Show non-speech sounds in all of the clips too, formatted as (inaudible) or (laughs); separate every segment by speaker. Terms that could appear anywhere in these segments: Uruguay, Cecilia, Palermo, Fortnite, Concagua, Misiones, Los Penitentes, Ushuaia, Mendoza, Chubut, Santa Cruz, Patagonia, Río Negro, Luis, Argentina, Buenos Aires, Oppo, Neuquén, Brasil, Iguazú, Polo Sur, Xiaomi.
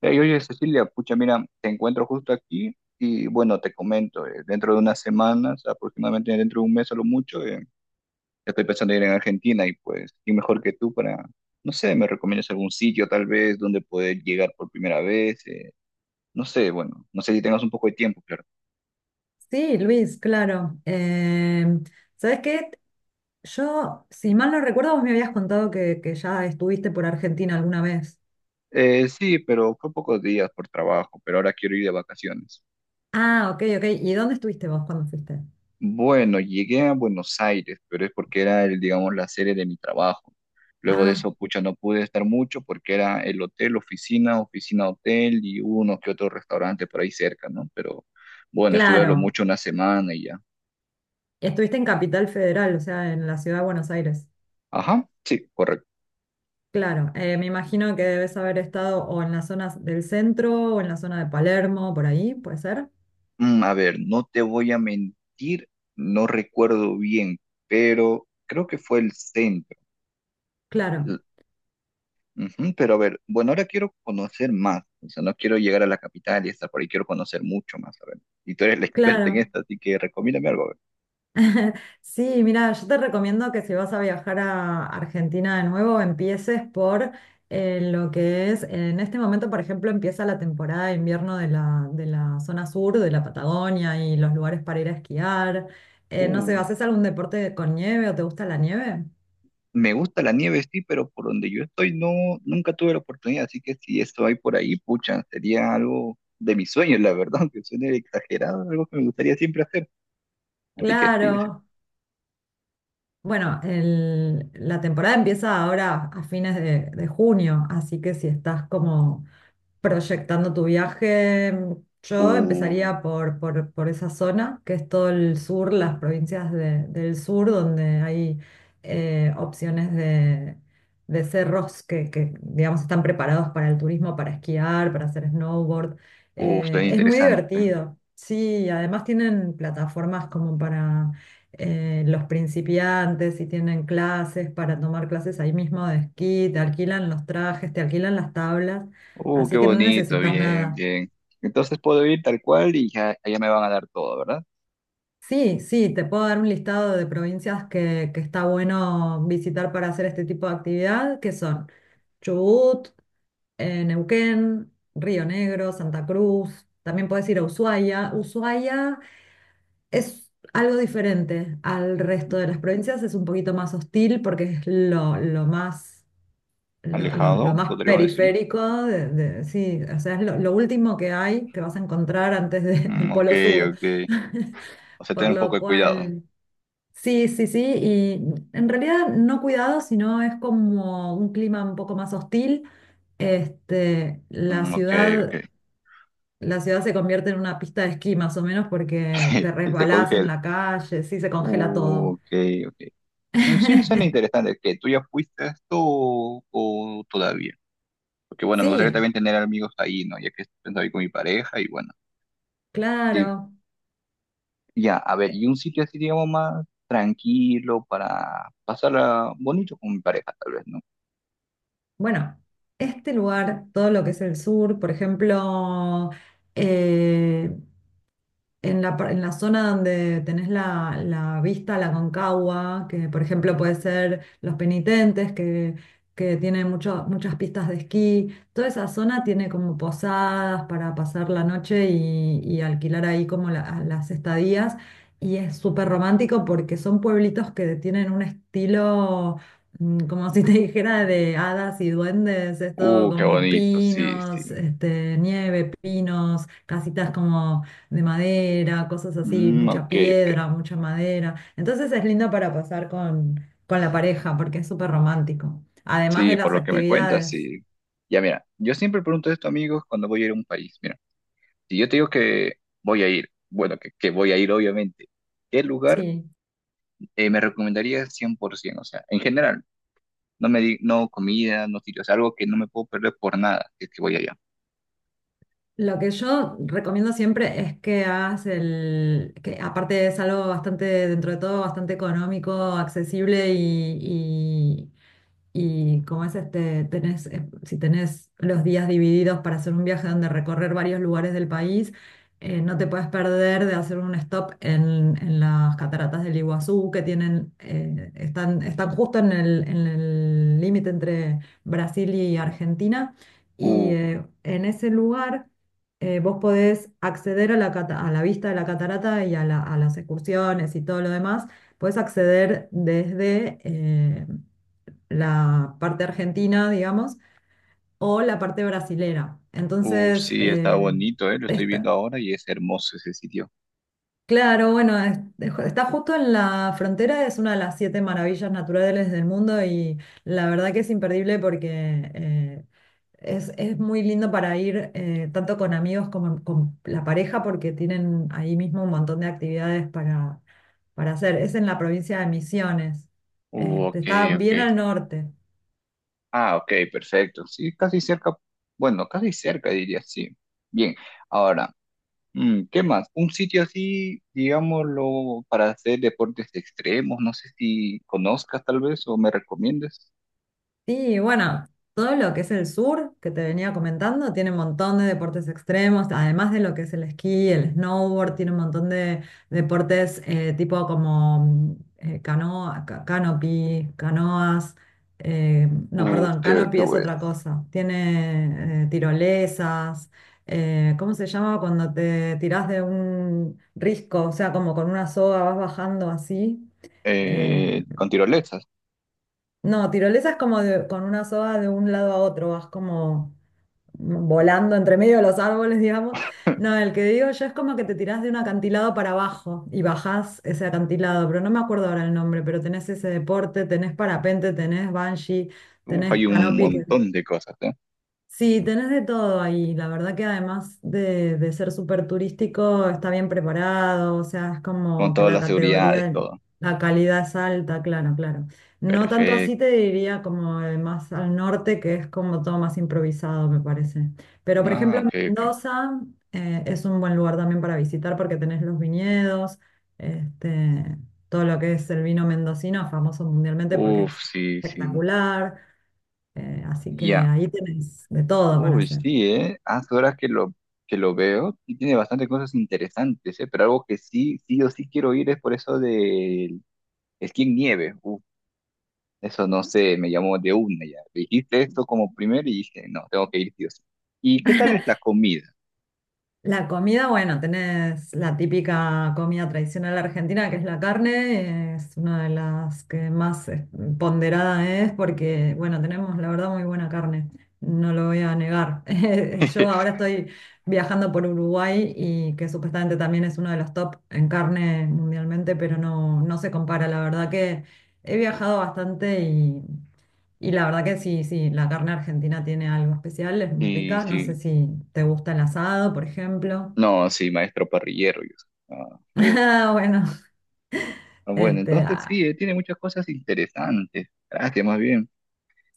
Speaker 1: Hey, oye, Cecilia, pucha, mira, te encuentro justo aquí y bueno, te comento, dentro de unas semanas, aproximadamente dentro de un mes a lo mucho, estoy pensando en ir en Argentina y pues, ¿quién mejor que tú para, no sé, me recomiendas algún sitio tal vez donde poder llegar por primera vez? No sé, bueno, no sé si tengas un poco de tiempo, claro.
Speaker 2: Sí, Luis, claro. ¿Sabes qué? Yo, si mal no recuerdo, vos me habías contado que ya estuviste por Argentina alguna vez.
Speaker 1: Sí, pero fue pocos días por trabajo, pero ahora quiero ir de vacaciones.
Speaker 2: Ah, ok, ok. ¿Y dónde estuviste vos cuando fuiste?
Speaker 1: Bueno, llegué a Buenos Aires, pero es porque era, el, digamos, la sede de mi trabajo. Luego de
Speaker 2: Ah,
Speaker 1: eso, pucha, no pude estar mucho porque era el hotel, oficina, oficina, hotel y uno que otro restaurante por ahí cerca, ¿no? Pero bueno, estuve a lo
Speaker 2: claro.
Speaker 1: mucho una semana y ya.
Speaker 2: Estuviste en Capital Federal, o sea, en la ciudad de Buenos Aires.
Speaker 1: Ajá, sí, correcto.
Speaker 2: Claro, me imagino que debes haber estado o en las zonas del centro o en la zona de Palermo, por ahí, ¿puede ser?
Speaker 1: A ver, no te voy a mentir, no recuerdo bien, pero creo que fue el centro.
Speaker 2: Claro,
Speaker 1: Ujú, pero a ver, bueno, ahora quiero conocer más, o sea, no quiero llegar a la capital y estar por ahí, quiero conocer mucho más, a ver. Y tú eres la experta en
Speaker 2: claro.
Speaker 1: esto, así que recomiéndame algo, a ver.
Speaker 2: (laughs) Sí, mira, yo te recomiendo que si vas a viajar a Argentina de nuevo, empieces por lo que es, en este momento, por ejemplo, empieza la temporada de invierno de la zona sur, de la Patagonia y los lugares para ir a esquiar. No sé,
Speaker 1: Uh,
Speaker 2: ¿haces algún deporte con nieve o te gusta la nieve?
Speaker 1: Me gusta la nieve, sí, pero por donde yo estoy no, nunca tuve la oportunidad, así que si esto hay por ahí, pucha, sería algo de mis sueños, la verdad, (laughs) aunque suene exagerado, algo que me gustaría siempre hacer. Así que sí, sí.
Speaker 2: Claro. Bueno, la temporada empieza ahora a fines de junio, así que si estás como proyectando tu viaje, yo
Speaker 1: Uh,
Speaker 2: empezaría por esa zona, que es todo el sur, las provincias del sur, donde hay opciones de cerros que, digamos, están preparados para el turismo, para esquiar, para hacer snowboard.
Speaker 1: suena
Speaker 2: Es muy
Speaker 1: interesante.
Speaker 2: divertido. Sí, además tienen plataformas como para los principiantes y tienen clases para tomar clases ahí mismo de esquí, te alquilan los trajes, te alquilan las tablas.
Speaker 1: Qué
Speaker 2: Así que no
Speaker 1: bonito,
Speaker 2: necesitas
Speaker 1: bien,
Speaker 2: nada.
Speaker 1: bien. Entonces puedo ir tal cual y ya, ya me van a dar todo, ¿verdad?
Speaker 2: Sí, sí, te puedo dar un listado de provincias que está bueno visitar para hacer este tipo de actividad, que son Chubut, Neuquén, Río Negro, Santa Cruz. También puedes ir a Ushuaia. Ushuaia es algo diferente al resto de las provincias, es un poquito más hostil porque es lo más, lo, lo-
Speaker 1: Alejado,
Speaker 2: lo más
Speaker 1: podríamos decirlo.
Speaker 2: periférico, sí, o sea, es lo último que hay que vas a encontrar antes del
Speaker 1: Ok,
Speaker 2: Polo Sur.
Speaker 1: ok.
Speaker 2: (laughs)
Speaker 1: O sea,
Speaker 2: Por
Speaker 1: tener un poco
Speaker 2: lo
Speaker 1: de cuidado.
Speaker 2: cual, sí, sí, sí, y en realidad no cuidado, sino es como un clima un poco más hostil. Este, la
Speaker 1: Ok, ok.
Speaker 2: ciudad, la ciudad se convierte en una pista de esquí más o menos porque te
Speaker 1: (laughs) Se
Speaker 2: resbalás en
Speaker 1: congela.
Speaker 2: la calle, sí, se congela todo.
Speaker 1: Ok, ok. Sí, suena
Speaker 2: (laughs)
Speaker 1: interesante. ¿Que tú ya fuiste a esto o todavía? Porque bueno, me gustaría
Speaker 2: Sí,
Speaker 1: también tener amigos ahí, ¿no? Ya que estoy con mi pareja y bueno. Sí,
Speaker 2: claro.
Speaker 1: ya, a ver,
Speaker 2: Eh,
Speaker 1: y un sitio así, digamos, más tranquilo para pasarla bonito con mi pareja, tal vez, ¿no?
Speaker 2: Bueno, este lugar, todo lo que es el sur, por ejemplo, eh, en la zona donde tenés la vista, la Concagua, que por ejemplo puede ser Los Penitentes, que tiene muchas pistas de esquí, toda esa zona tiene como posadas para pasar la noche y alquilar ahí como las estadías. Y es súper romántico porque son pueblitos que tienen un estilo como si te (laughs) dijera de hadas y duendes, es todo
Speaker 1: Qué
Speaker 2: como
Speaker 1: bonito, sí,
Speaker 2: pinos,
Speaker 1: sí.
Speaker 2: este, nieve, pinos, casitas como de madera, cosas así, mucha
Speaker 1: Ok, ok.
Speaker 2: piedra, mucha madera. Entonces es lindo para pasar con la pareja porque es súper romántico, además
Speaker 1: Sí,
Speaker 2: de
Speaker 1: por
Speaker 2: las
Speaker 1: lo que me cuentas,
Speaker 2: actividades.
Speaker 1: sí. Ya mira, yo siempre pregunto esto, amigos, cuando voy a ir a un país. Mira, si yo te digo que voy a ir, bueno, que voy a ir, obviamente, ¿qué lugar
Speaker 2: Sí.
Speaker 1: me recomendarías 100%? O sea, en general, no me di, no comida, no sitios, algo que no me puedo perder por nada, si es que voy allá.
Speaker 2: Lo que yo recomiendo siempre es que hagas el, que aparte es algo bastante, dentro de todo, bastante económico, accesible y como es este, tenés, si tenés los días divididos para hacer un viaje donde recorrer varios lugares del país, no te puedes perder de hacer un stop en las cataratas del Iguazú, que tienen, están justo en el límite entre Brasil y Argentina. Y
Speaker 1: Uh,
Speaker 2: en ese lugar vos podés acceder a la, a la vista de la catarata y a, a las excursiones y todo lo demás. Podés acceder desde la parte argentina, digamos, o la parte brasilera. Entonces,
Speaker 1: sí, está bonito, ¿eh? Lo estoy viendo
Speaker 2: está,
Speaker 1: ahora y es hermoso ese sitio.
Speaker 2: claro, bueno, está justo en la frontera, es una de las siete maravillas naturales del mundo y la verdad que es imperdible porque es muy lindo para ir tanto con amigos como con la pareja porque tienen ahí mismo un montón de actividades para hacer. Es en la provincia de Misiones, este,
Speaker 1: Ok,
Speaker 2: está bien
Speaker 1: ok.
Speaker 2: al norte.
Speaker 1: Ah, ok, perfecto. Sí, casi cerca, bueno, casi cerca diría, sí. Bien. Ahora, ¿qué más? Un sitio así, digámoslo, para hacer deportes extremos, no sé si conozcas tal vez o me recomiendes.
Speaker 2: Sí, bueno, todo lo que es el sur, que te venía comentando, tiene un montón de deportes extremos, además de lo que es el esquí, el snowboard, tiene un montón de deportes tipo como canoa, canopy, canoas, no,
Speaker 1: Uf,
Speaker 2: perdón,
Speaker 1: qué
Speaker 2: canopy es
Speaker 1: bueno.
Speaker 2: otra cosa, tiene tirolesas, ¿cómo se llama cuando te tirás de un risco? O sea, como con una soga vas bajando así. eh,
Speaker 1: Con tirolesas.
Speaker 2: no, tirolesa es como con una soga de un lado a otro, vas como volando entre medio de los árboles, digamos. No, el que digo yo es como que te tirás de un acantilado para abajo y bajás ese acantilado, pero no me acuerdo ahora el nombre, pero tenés ese deporte, tenés parapente, tenés bungee,
Speaker 1: Uf,
Speaker 2: tenés
Speaker 1: hay un
Speaker 2: canopy.
Speaker 1: montón de cosas, ¿eh?
Speaker 2: Sí, tenés de todo ahí. La verdad que además de ser súper turístico, está bien preparado, o sea, es
Speaker 1: Con
Speaker 2: como que
Speaker 1: todas
Speaker 2: la
Speaker 1: las seguridades,
Speaker 2: categoría,
Speaker 1: todo.
Speaker 2: la calidad es alta, claro, claro. No tanto
Speaker 1: Perfecto.
Speaker 2: así te diría como más al norte, que es como todo más improvisado, me parece. Pero por
Speaker 1: Ah,
Speaker 2: ejemplo,
Speaker 1: ok, ok.
Speaker 2: Mendoza es un buen lugar también para visitar porque tenés los viñedos, este, todo lo que es el vino mendocino, famoso mundialmente porque
Speaker 1: Uf,
Speaker 2: es
Speaker 1: sí, sí.
Speaker 2: espectacular. Así que
Speaker 1: Ya.
Speaker 2: ahí tenés de todo para
Speaker 1: Uy,
Speaker 2: hacer.
Speaker 1: sí, ¿eh? Hace horas que que lo veo y tiene bastantes cosas interesantes, ¿eh? Pero algo que sí, sí o sí quiero ir es por eso del esquí en nieve. Eso no sé, me llamó de una ya. Dijiste esto como primero y dije, no, tengo que ir, Dios. ¿Y qué tal es la comida?
Speaker 2: La comida, bueno, tenés la típica comida tradicional argentina, que es la carne, es una de las que más ponderada es porque, bueno, tenemos la verdad muy buena carne, no lo voy a negar. (laughs) Yo ahora
Speaker 1: (laughs)
Speaker 2: estoy viajando por Uruguay y que supuestamente también es uno de los top en carne mundialmente, pero no, no se compara, la verdad que he viajado bastante y la verdad que sí, sí, la carne argentina tiene algo especial, es muy
Speaker 1: Sí,
Speaker 2: rica. No sé
Speaker 1: sí.
Speaker 2: si te gusta el asado, por ejemplo.
Speaker 1: No, sí, maestro parrillero. Yo soy. Ah,
Speaker 2: (laughs)
Speaker 1: uf.
Speaker 2: Ah, bueno,
Speaker 1: Ah, bueno,
Speaker 2: este,
Speaker 1: entonces
Speaker 2: ah,
Speaker 1: sí, tiene muchas cosas interesantes. Gracias, más bien.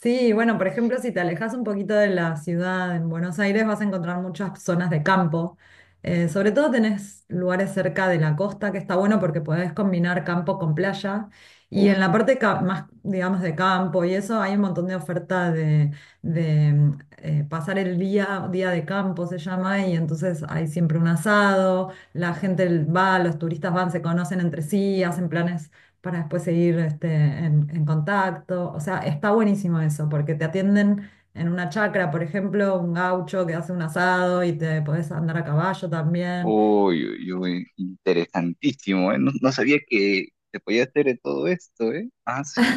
Speaker 2: sí, bueno, por ejemplo, si te alejas un poquito de la ciudad en Buenos Aires, vas a encontrar muchas zonas de campo. Sobre todo tenés lugares cerca de la costa, que está bueno porque podés combinar campo con playa. Y
Speaker 1: Uf.
Speaker 2: en la parte más, digamos, de campo y eso, hay un montón de oferta de, pasar el día, día de campo se llama, y entonces hay siempre un asado, la gente va, los turistas van, se conocen entre sí, hacen planes para después seguir este, en contacto. O sea, está buenísimo eso, porque te atienden en una chacra, por ejemplo, un gaucho que hace un asado y te podés andar a caballo también.
Speaker 1: Uy, uy, uy, interesantísimo, ¿eh? No, no sabía que se podía hacer de todo esto, ¿eh? Ah, sí.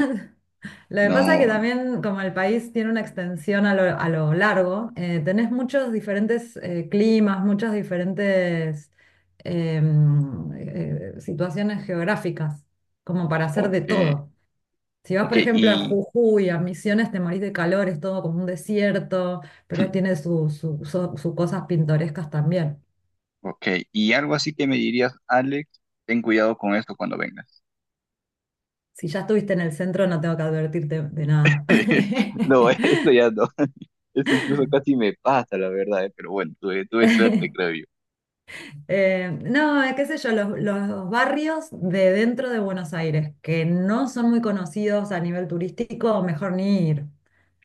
Speaker 2: Lo que pasa es
Speaker 1: No,
Speaker 2: que
Speaker 1: no.
Speaker 2: también, como el país tiene una extensión a lo largo, tenés muchos diferentes climas, muchas diferentes situaciones geográficas, como para hacer de
Speaker 1: Ok,
Speaker 2: todo. Si vas,
Speaker 1: ok,
Speaker 2: por ejemplo, a
Speaker 1: y,
Speaker 2: Jujuy, a Misiones, te morís de calor, es todo como un desierto, pero
Speaker 1: (laughs)
Speaker 2: tiene sus su cosas pintorescas también.
Speaker 1: ok, y algo así que me dirías, Alex, ten cuidado con esto cuando vengas.
Speaker 2: Si ya estuviste en el centro, no tengo que advertirte de nada.
Speaker 1: (laughs) No, esto ya
Speaker 2: (laughs)
Speaker 1: no. Esto incluso casi me pasa, la verdad, pero bueno, tuve suerte, creo yo.
Speaker 2: No, qué sé yo, los barrios de dentro de Buenos Aires, que no son muy conocidos a nivel turístico, mejor ni ir.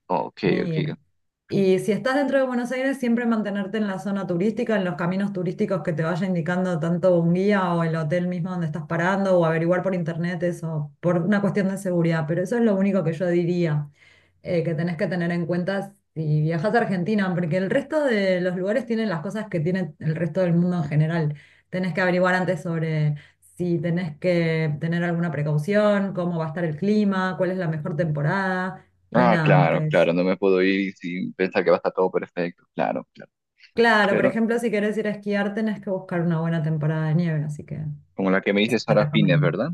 Speaker 1: Ok, ok.
Speaker 2: Mira. Y si estás dentro de Buenos Aires, siempre mantenerte en la zona turística, en los caminos turísticos que te vaya indicando tanto un guía o el hotel mismo donde estás parando, o averiguar por internet eso, por una cuestión de seguridad. Pero eso es lo único que yo diría que tenés que tener en cuenta si viajas a Argentina, porque el resto de los lugares tienen las cosas que tiene el resto del mundo en general. Tenés que averiguar antes sobre si tenés que tener alguna precaución, cómo va a estar el clima, cuál es la mejor temporada y
Speaker 1: Ah,
Speaker 2: nada más
Speaker 1: claro,
Speaker 2: que eso.
Speaker 1: claro, no me puedo ir sin pensar que va a estar todo perfecto. Claro, claro.
Speaker 2: Claro, por
Speaker 1: Pero
Speaker 2: ejemplo, si quieres ir a esquiar, tenés que buscar una buena temporada de nieve, así que
Speaker 1: como la que me
Speaker 2: eso
Speaker 1: dices
Speaker 2: te
Speaker 1: ahora fines,
Speaker 2: recomiendo.
Speaker 1: ¿verdad?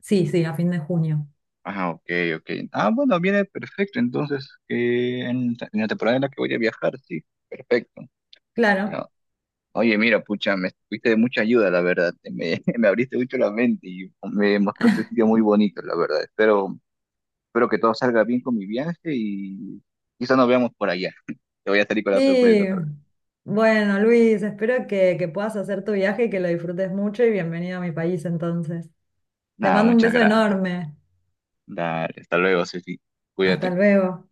Speaker 2: Sí, sí, a fin de junio.
Speaker 1: Ah, ok, ok. Ah, bueno, viene perfecto. Entonces, en la temporada en la que voy a viajar, sí, perfecto.
Speaker 2: Claro.
Speaker 1: Ya. Oye, mira, pucha, me fuiste de mucha ayuda, la verdad. Me, (laughs) me abriste mucho la mente y me mostraste sitios muy bonitos, la verdad. Espero que todo salga bien con mi viaje y quizá nos veamos por allá. (laughs) Te voy a salir con la sorpresa,
Speaker 2: Y
Speaker 1: tal vez.
Speaker 2: bueno, Luis, espero que puedas hacer tu viaje y que lo disfrutes mucho y bienvenido a mi país entonces. Te
Speaker 1: Nada,
Speaker 2: mando un
Speaker 1: muchas
Speaker 2: beso
Speaker 1: gracias.
Speaker 2: enorme.
Speaker 1: Dale, hasta luego, Ceci.
Speaker 2: Hasta
Speaker 1: Cuídate.
Speaker 2: luego.